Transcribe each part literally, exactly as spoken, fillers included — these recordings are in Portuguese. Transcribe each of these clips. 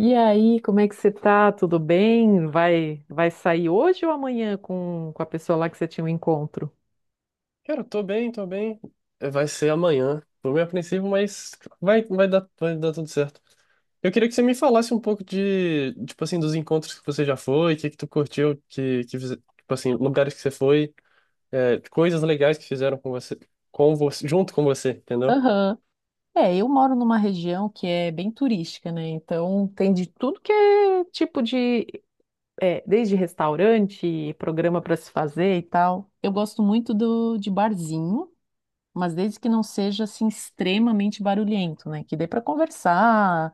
E aí, como é que você tá? Tudo bem? Vai, vai sair hoje ou amanhã com, com a pessoa lá que você tinha um encontro? Cara, eu tô bem, tô bem. É, vai ser amanhã. Tô meio apreensivo, mas vai, vai dar, vai dar tudo certo. Eu queria que você me falasse um pouco de, tipo assim, dos encontros que você já foi, o que que tu curtiu, que, que, fize- tipo assim, lugares que você foi, é, coisas legais que fizeram com você, com você, junto com você, entendeu? Aham. É, eu moro numa região que é bem turística, né? Então tem de tudo que é tipo de, é, desde restaurante, programa para se fazer e tal. Eu gosto muito do de barzinho, mas desde que não seja assim extremamente barulhento, né? Que dê para conversar,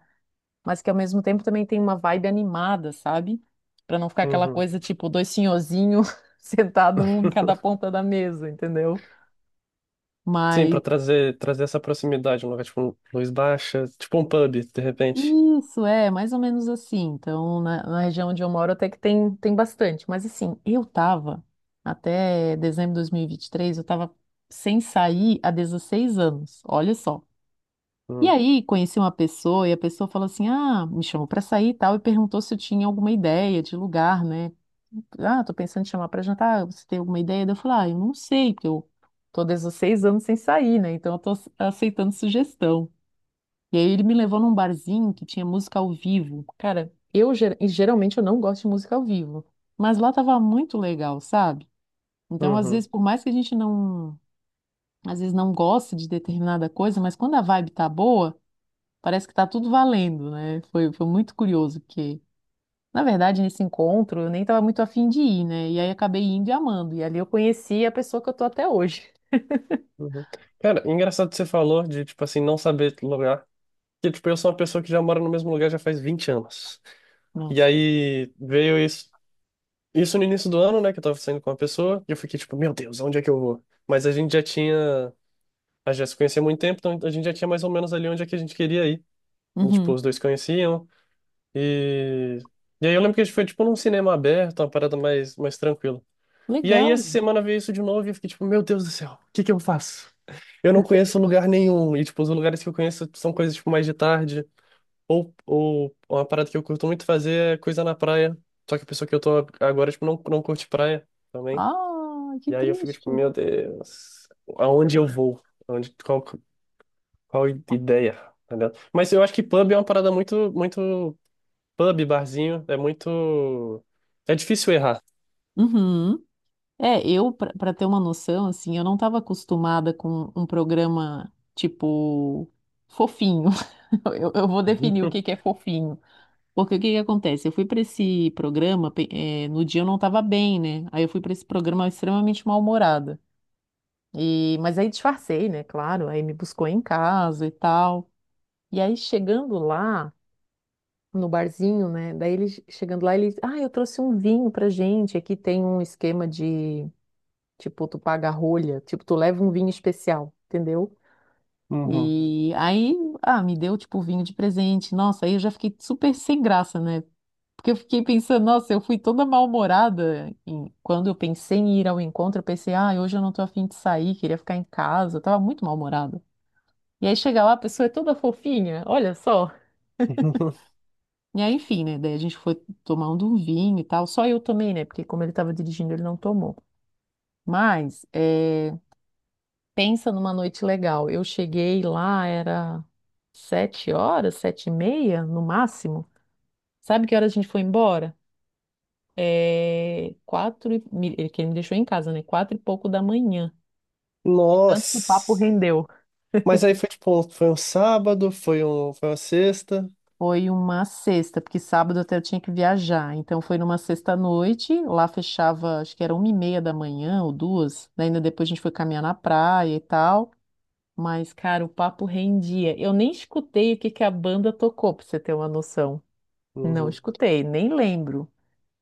mas que ao mesmo tempo também tem uma vibe animada, sabe? Pra não ficar aquela Uhum. coisa tipo dois senhorzinhos sentado um em cada ponta da mesa, entendeu? Sim, pra Mas trazer, trazer essa proximidade, um lugar tipo um luz baixa, tipo um pub, de repente. isso é mais ou menos assim. Então, na, na região onde eu moro até que tem, tem bastante, mas assim, eu tava até dezembro de dois mil e vinte e três, eu tava sem sair há dezesseis anos. Olha só. E aí, conheci uma pessoa e a pessoa falou assim: "Ah, me chamou pra sair e tal" e perguntou se eu tinha alguma ideia de lugar, né? Ah, tô pensando em chamar pra jantar, você tem alguma ideia? Daí eu falo, ah, eu não sei, porque eu tô desde os seis anos sem sair, né? Então eu tô ace- aceitando sugestão. E aí ele me levou num barzinho que tinha música ao vivo. Cara, eu ger- e geralmente eu não gosto de música ao vivo, mas lá tava muito legal, sabe? Então, às Uhum. vezes, por mais que a gente não, às vezes não goste de determinada coisa, mas quando a vibe tá boa, parece que tá tudo valendo, né? Foi, foi muito curioso, porque na verdade, nesse encontro, eu nem estava muito afim de ir, né? E aí acabei indo e amando. E ali eu conheci a pessoa que eu tô até hoje. Uhum. Cara, engraçado que você falou de, tipo assim, não saber lugar. Que, tipo, eu sou uma pessoa que já mora no mesmo lugar já faz vinte anos. E Nossa. aí veio isso, isso no início do ano, né? Que eu tava saindo com uma pessoa. E eu fiquei, tipo, meu Deus, onde é que eu vou? Mas a gente já tinha. A gente já se conhecia há muito tempo, então a gente já tinha mais ou menos ali onde é que a gente queria ir. E, tipo, Uhum. os dois conheciam. E. E aí eu lembro que a gente foi, tipo, num cinema aberto, uma parada mais, mais tranquila. E aí essa Legal. semana veio isso de novo e eu fiquei, tipo, meu Deus do céu, o que que eu faço? Eu não conheço lugar nenhum. E, tipo, os lugares que eu conheço são coisas, tipo, mais de tarde. Ou, ou uma parada que eu curto muito fazer é coisa na praia. Só que a pessoa que eu tô agora, tipo, não, não curte praia também. Ah, que E aí eu fico, tipo, triste. meu Deus, aonde eu vou? Aonde, qual, qual ideia? Tá ligado? Mas eu acho que pub é uma parada muito, muito... Pub, barzinho, é muito... É difícil errar. Uhum. É, eu, pra pra ter uma noção, assim, eu não estava acostumada com um programa, tipo, fofinho. Eu, eu vou definir o que que é fofinho. Porque o que que acontece? Eu fui para esse programa, pe- eh, no dia eu não estava bem, né? Aí eu fui para esse programa extremamente mal-humorada. E, mas aí disfarcei, né? Claro, aí me buscou em casa e tal. E aí chegando lá, no barzinho, né? Daí ele chegando lá, ele, ah, eu trouxe um vinho pra gente. Aqui tem um esquema de, tipo, tu paga a rolha, tipo, tu leva um vinho especial, entendeu? Uhum. E aí, ah, me deu, tipo, vinho de presente. Nossa, aí eu já fiquei super sem graça, né? Porque eu fiquei pensando, nossa, eu fui toda mal-humorada. em- Quando eu pensei em ir ao encontro, eu pensei, ah, hoje eu não tô afim de sair, queria ficar em casa. Eu tava muito mal-humorada. E aí chega lá, a pessoa é toda fofinha, olha só. E aí, enfim, né? Daí a gente foi tomando um vinho e tal. Só eu tomei, né? Porque como ele estava dirigindo, ele não tomou. Mas, é, pensa numa noite legal. Eu cheguei lá, era sete horas, sete e meia, no máximo. Sabe que hora a gente foi embora? É... Quatro e... me- Ele que ele me deixou em casa, né? Quatro e pouco da manhã. De Tanto que o papo Nossa! rendeu. Mas aí foi tipo, um- foi um sábado, foi um, foi uma sexta. Foi uma sexta, porque sábado até eu tinha que viajar. Então foi numa sexta à noite, lá fechava, acho que era uma e meia da manhã ou duas. Daí ainda depois a gente foi caminhar na praia e tal. Mas, cara, o papo rendia. Eu nem escutei o que que a banda tocou, pra você ter uma noção. Não Uhum, escutei, nem lembro.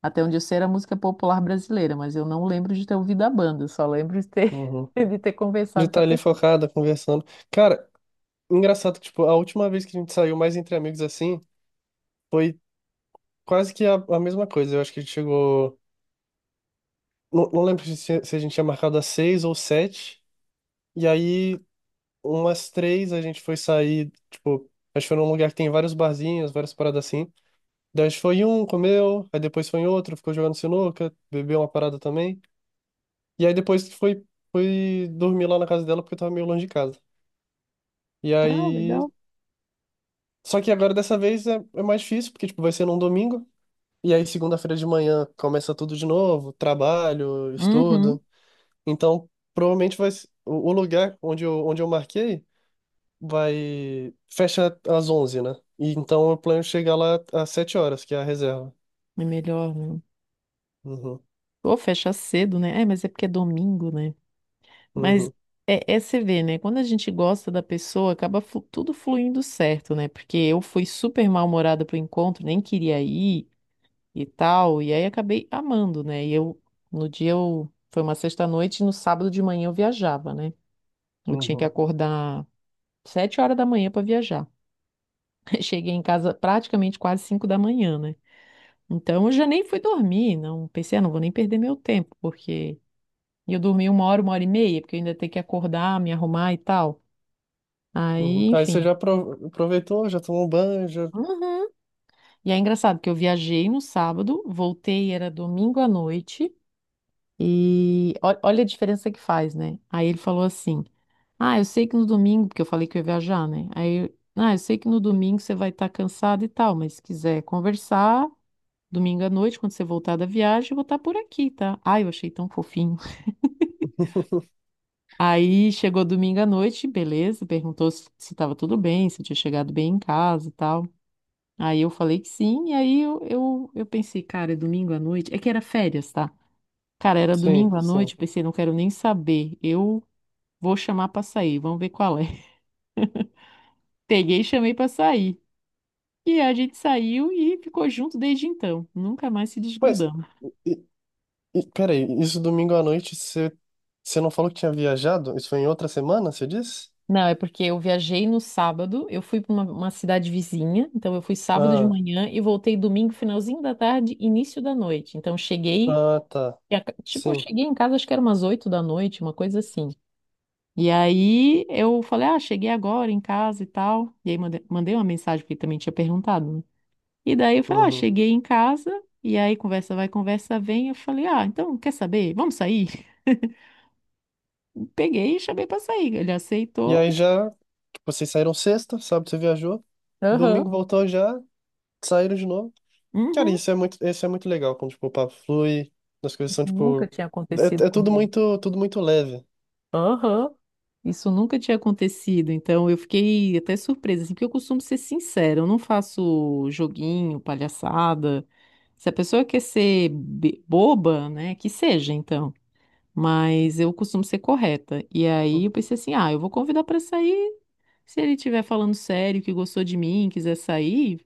Até onde eu sei era música popular brasileira, mas eu não lembro de ter ouvido a banda, eu só lembro de ter, uhum. de ter De conversado com estar a ali pessoa. focada, conversando. Cara, engraçado que, tipo, a última vez que a gente saiu mais entre amigos assim, foi quase que a, a mesma coisa. Eu acho que a gente chegou. Não, não lembro se, se a gente tinha marcado às seis ou sete. E aí, umas três, a gente foi sair, tipo, a gente foi num lugar que tem vários barzinhos, várias paradas assim. Daí a gente foi em um, comeu, aí depois foi em outro, ficou jogando sinuca, bebeu uma parada também. E aí depois foi, foi dormir lá na casa dela porque tava meio longe de casa. E Ah, aí. legal. Só que agora dessa vez é, é mais difícil, porque, tipo, vai ser num domingo. E aí, segunda-feira de manhã, começa tudo de novo, trabalho, Uhum. estudo. Então, provavelmente vai. se- O o lugar onde eu, onde eu marquei vai. Fecha às onze, né? E então eu plano chegar lá às sete horas, que é a reserva. É melhor, né? Uhum, Ou fecha cedo, né? É, mas é porque é domingo, né? Mas uhum, é, é você vê, né? Quando a gente gosta da pessoa, acaba flu- tudo fluindo certo, né? Porque eu fui super mal-humorada pro encontro, nem queria ir e tal, e aí acabei amando, né? E eu, no dia eu, foi uma sexta-noite, e no sábado de manhã eu viajava, né? Eu tinha que uhum, acordar sete horas da manhã para viajar. Cheguei em casa praticamente quase cinco da manhã, né? Então eu já nem fui dormir, não pensei, ah, não vou nem perder meu tempo, porque e eu dormi uma hora, uma hora e meia, porque eu ainda tenho que acordar, me arrumar e tal. uhum. Aí, Aí você enfim. já apro- aproveitou, já tomou um banho, já. Uhum. E é engraçado que eu viajei no sábado, voltei, era domingo à noite, e ó- olha a diferença que faz, né? Aí ele falou assim: ah, eu sei que no domingo, porque eu falei que eu ia viajar, né? Aí, eu- ah, eu sei que no domingo você vai estar cansado e tal, mas se quiser conversar, domingo à noite, quando você voltar da viagem, eu vou estar por aqui, tá? Ai, eu achei tão fofinho. Aí chegou domingo à noite, beleza, perguntou se estava tudo bem, se eu tinha chegado bem em casa e tal. Aí eu falei que sim, e aí eu, eu, eu pensei, cara, é domingo à noite. É que era férias, tá? Cara, era Sim, domingo à noite, sim. eu pensei, não quero nem saber. Eu vou chamar pra sair, vamos ver qual é. Peguei e chamei pra sair. E a gente saiu e ficou junto desde então. Nunca mais se Mas, desgrudamos. e, e, peraí, isso domingo à noite você, você não falou que tinha viajado? Isso foi em outra semana, você disse? Não, é porque eu viajei no sábado, eu fui pra uma, uma cidade vizinha, então eu fui sábado de Ah, manhã e voltei domingo, finalzinho da tarde, início da noite. Então cheguei, ah, tá. e a- tipo, eu Sim. cheguei em casa, acho que era umas oito da noite, uma coisa assim. E aí eu falei, ah, cheguei agora em casa e tal. E aí mande- mandei uma mensagem, porque ele também tinha perguntado, né? E daí eu falei, ah, Uhum. cheguei em casa. E aí conversa vai, conversa vem. Eu falei, ah, então quer saber? Vamos sair? Peguei e chamei pra sair. Ele E aceitou. aí já. Vocês saíram sexta, sábado você viajou, domingo Aham. voltou já, saíram de novo. Cara, Uhum. isso é muito, isso é muito legal, quando, tipo, o papo flui, as coisas são, Isso nunca tipo... tinha É, acontecido é tudo comigo. muito, tudo muito leve. Aham. Isso nunca tinha acontecido, então eu fiquei até surpresa, assim, porque eu costumo ser sincera, eu não faço joguinho, palhaçada. Se a pessoa quer ser be- boba, né, que seja, então. Mas eu costumo ser correta. E aí Hum, eu pensei assim, ah, eu vou convidar pra sair. Se ele estiver falando sério, que gostou de mim, quiser sair,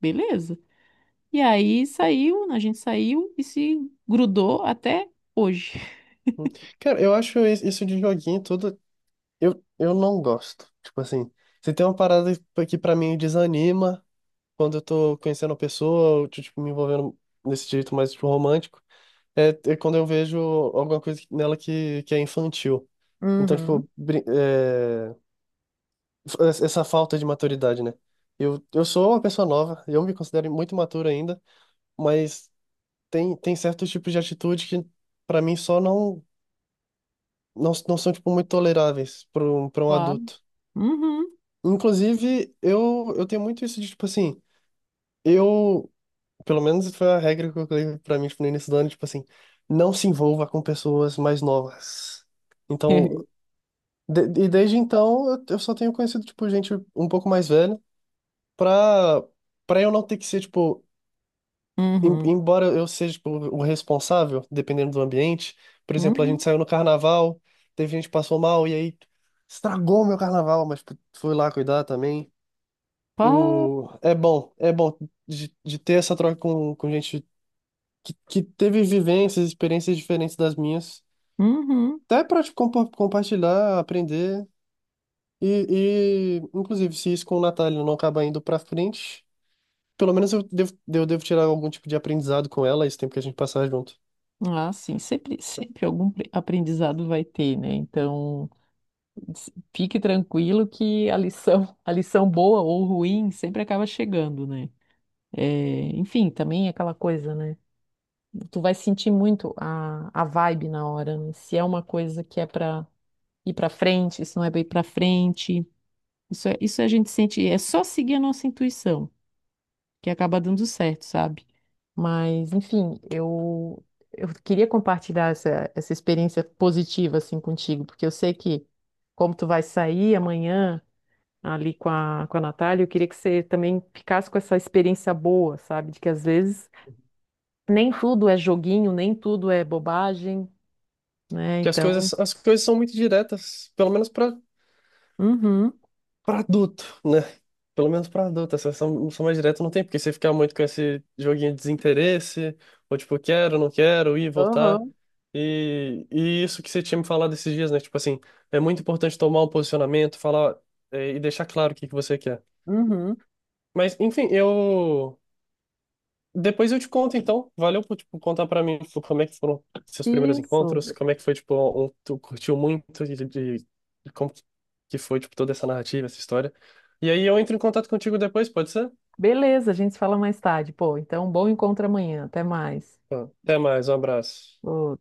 beleza. E aí saiu, a gente saiu e se grudou até hoje. hum. Cara, eu acho is- isso de joguinho tudo... Eu, eu não gosto. Tipo assim, se tem uma parada que pra mim desanima, quando eu tô conhecendo a pessoa, ou, tipo, me envolvendo nesse jeito mais, tipo, romântico, é, é quando eu vejo alguma coisa nela que, que é infantil. Então, Uhum. tipo, brin- é, f- essa falta de maturidade, né? Eu, eu sou uma pessoa nova, eu me considero muito imaturo ainda, mas tem, tem certos tipos de atitude que, para mim, só não, não, não são, tipo, muito toleráveis para um, para um Claro. adulto. Uhum. Inclusive, eu, eu tenho muito isso de, tipo assim, eu pelo menos foi a regra que eu coloquei pra mim, tipo, no início do ano, tipo assim, não se envolva com pessoas mais novas. Então, de- e desde então, eu, eu só tenho conhecido, tipo, gente um pouco mais velha, pra, pra eu não ter que ser, tipo, em- Uhum, embora eu seja, tipo, o responsável, dependendo do ambiente. Por exemplo, a gente uhum, saiu no carnaval, teve gente que passou mal, e aí estragou meu carnaval, mas tipo, fui lá cuidar também. pá, O, é bom, é bom de, de, ter essa troca com, com gente que, que teve vivências, experiências diferentes das minhas, uhum. até para compartilhar, aprender. E, e, inclusive, se isso com o Natália não acaba indo para frente, pelo menos eu devo, eu devo tirar algum tipo de aprendizado com ela esse tempo que a gente passar junto. Ah, sim, sempre, sempre algum pre- aprendizado vai ter, né? Então, s- fique tranquilo que a lição, a lição boa ou ruim sempre acaba chegando, né? É, enfim, também é aquela coisa, né? Tu vai sentir muito a, a vibe na hora, né? Se é uma coisa que é pra ir pra frente, se não é pra ir pra frente. Isso é, isso a gente sente, é só seguir a nossa intuição. Que acaba dando certo, sabe? Mas, enfim, eu, eu queria compartilhar essa, essa experiência positiva, assim, contigo, porque eu sei que, como tu vai sair amanhã ali com a, com a Natália, eu queria que você também ficasse com essa experiência boa, sabe? De que às vezes nem tudo é joguinho, nem tudo é bobagem, né? Que as Então, coisas, as coisas são muito diretas, pelo menos para uhum. pra adulto, né? Pelo menos pra adulto. Essa sessão sessão mais direta não tem, porque você ficar muito com esse joguinho de desinteresse, ou tipo, quero, não quero, ir, voltar. Uhum, E, e isso que você tinha me falado esses dias, né? Tipo assim, é muito importante tomar um posicionamento, falar, eh, e deixar claro o que que você quer. uhum. Mas, enfim, eu. Depois eu te conto, então. Valeu por, tipo, contar pra mim, tipo, como é que foram seus primeiros Isso. encontros, como é que foi, tipo, um, tu curtiu muito de, de- de como que foi, tipo, toda essa narrativa, essa história. E aí eu entro em contato contigo depois, pode ser? Beleza, a gente se fala mais tarde. Pô, então, bom encontro amanhã. Até mais. Tá. Até mais, um abraço. Ô,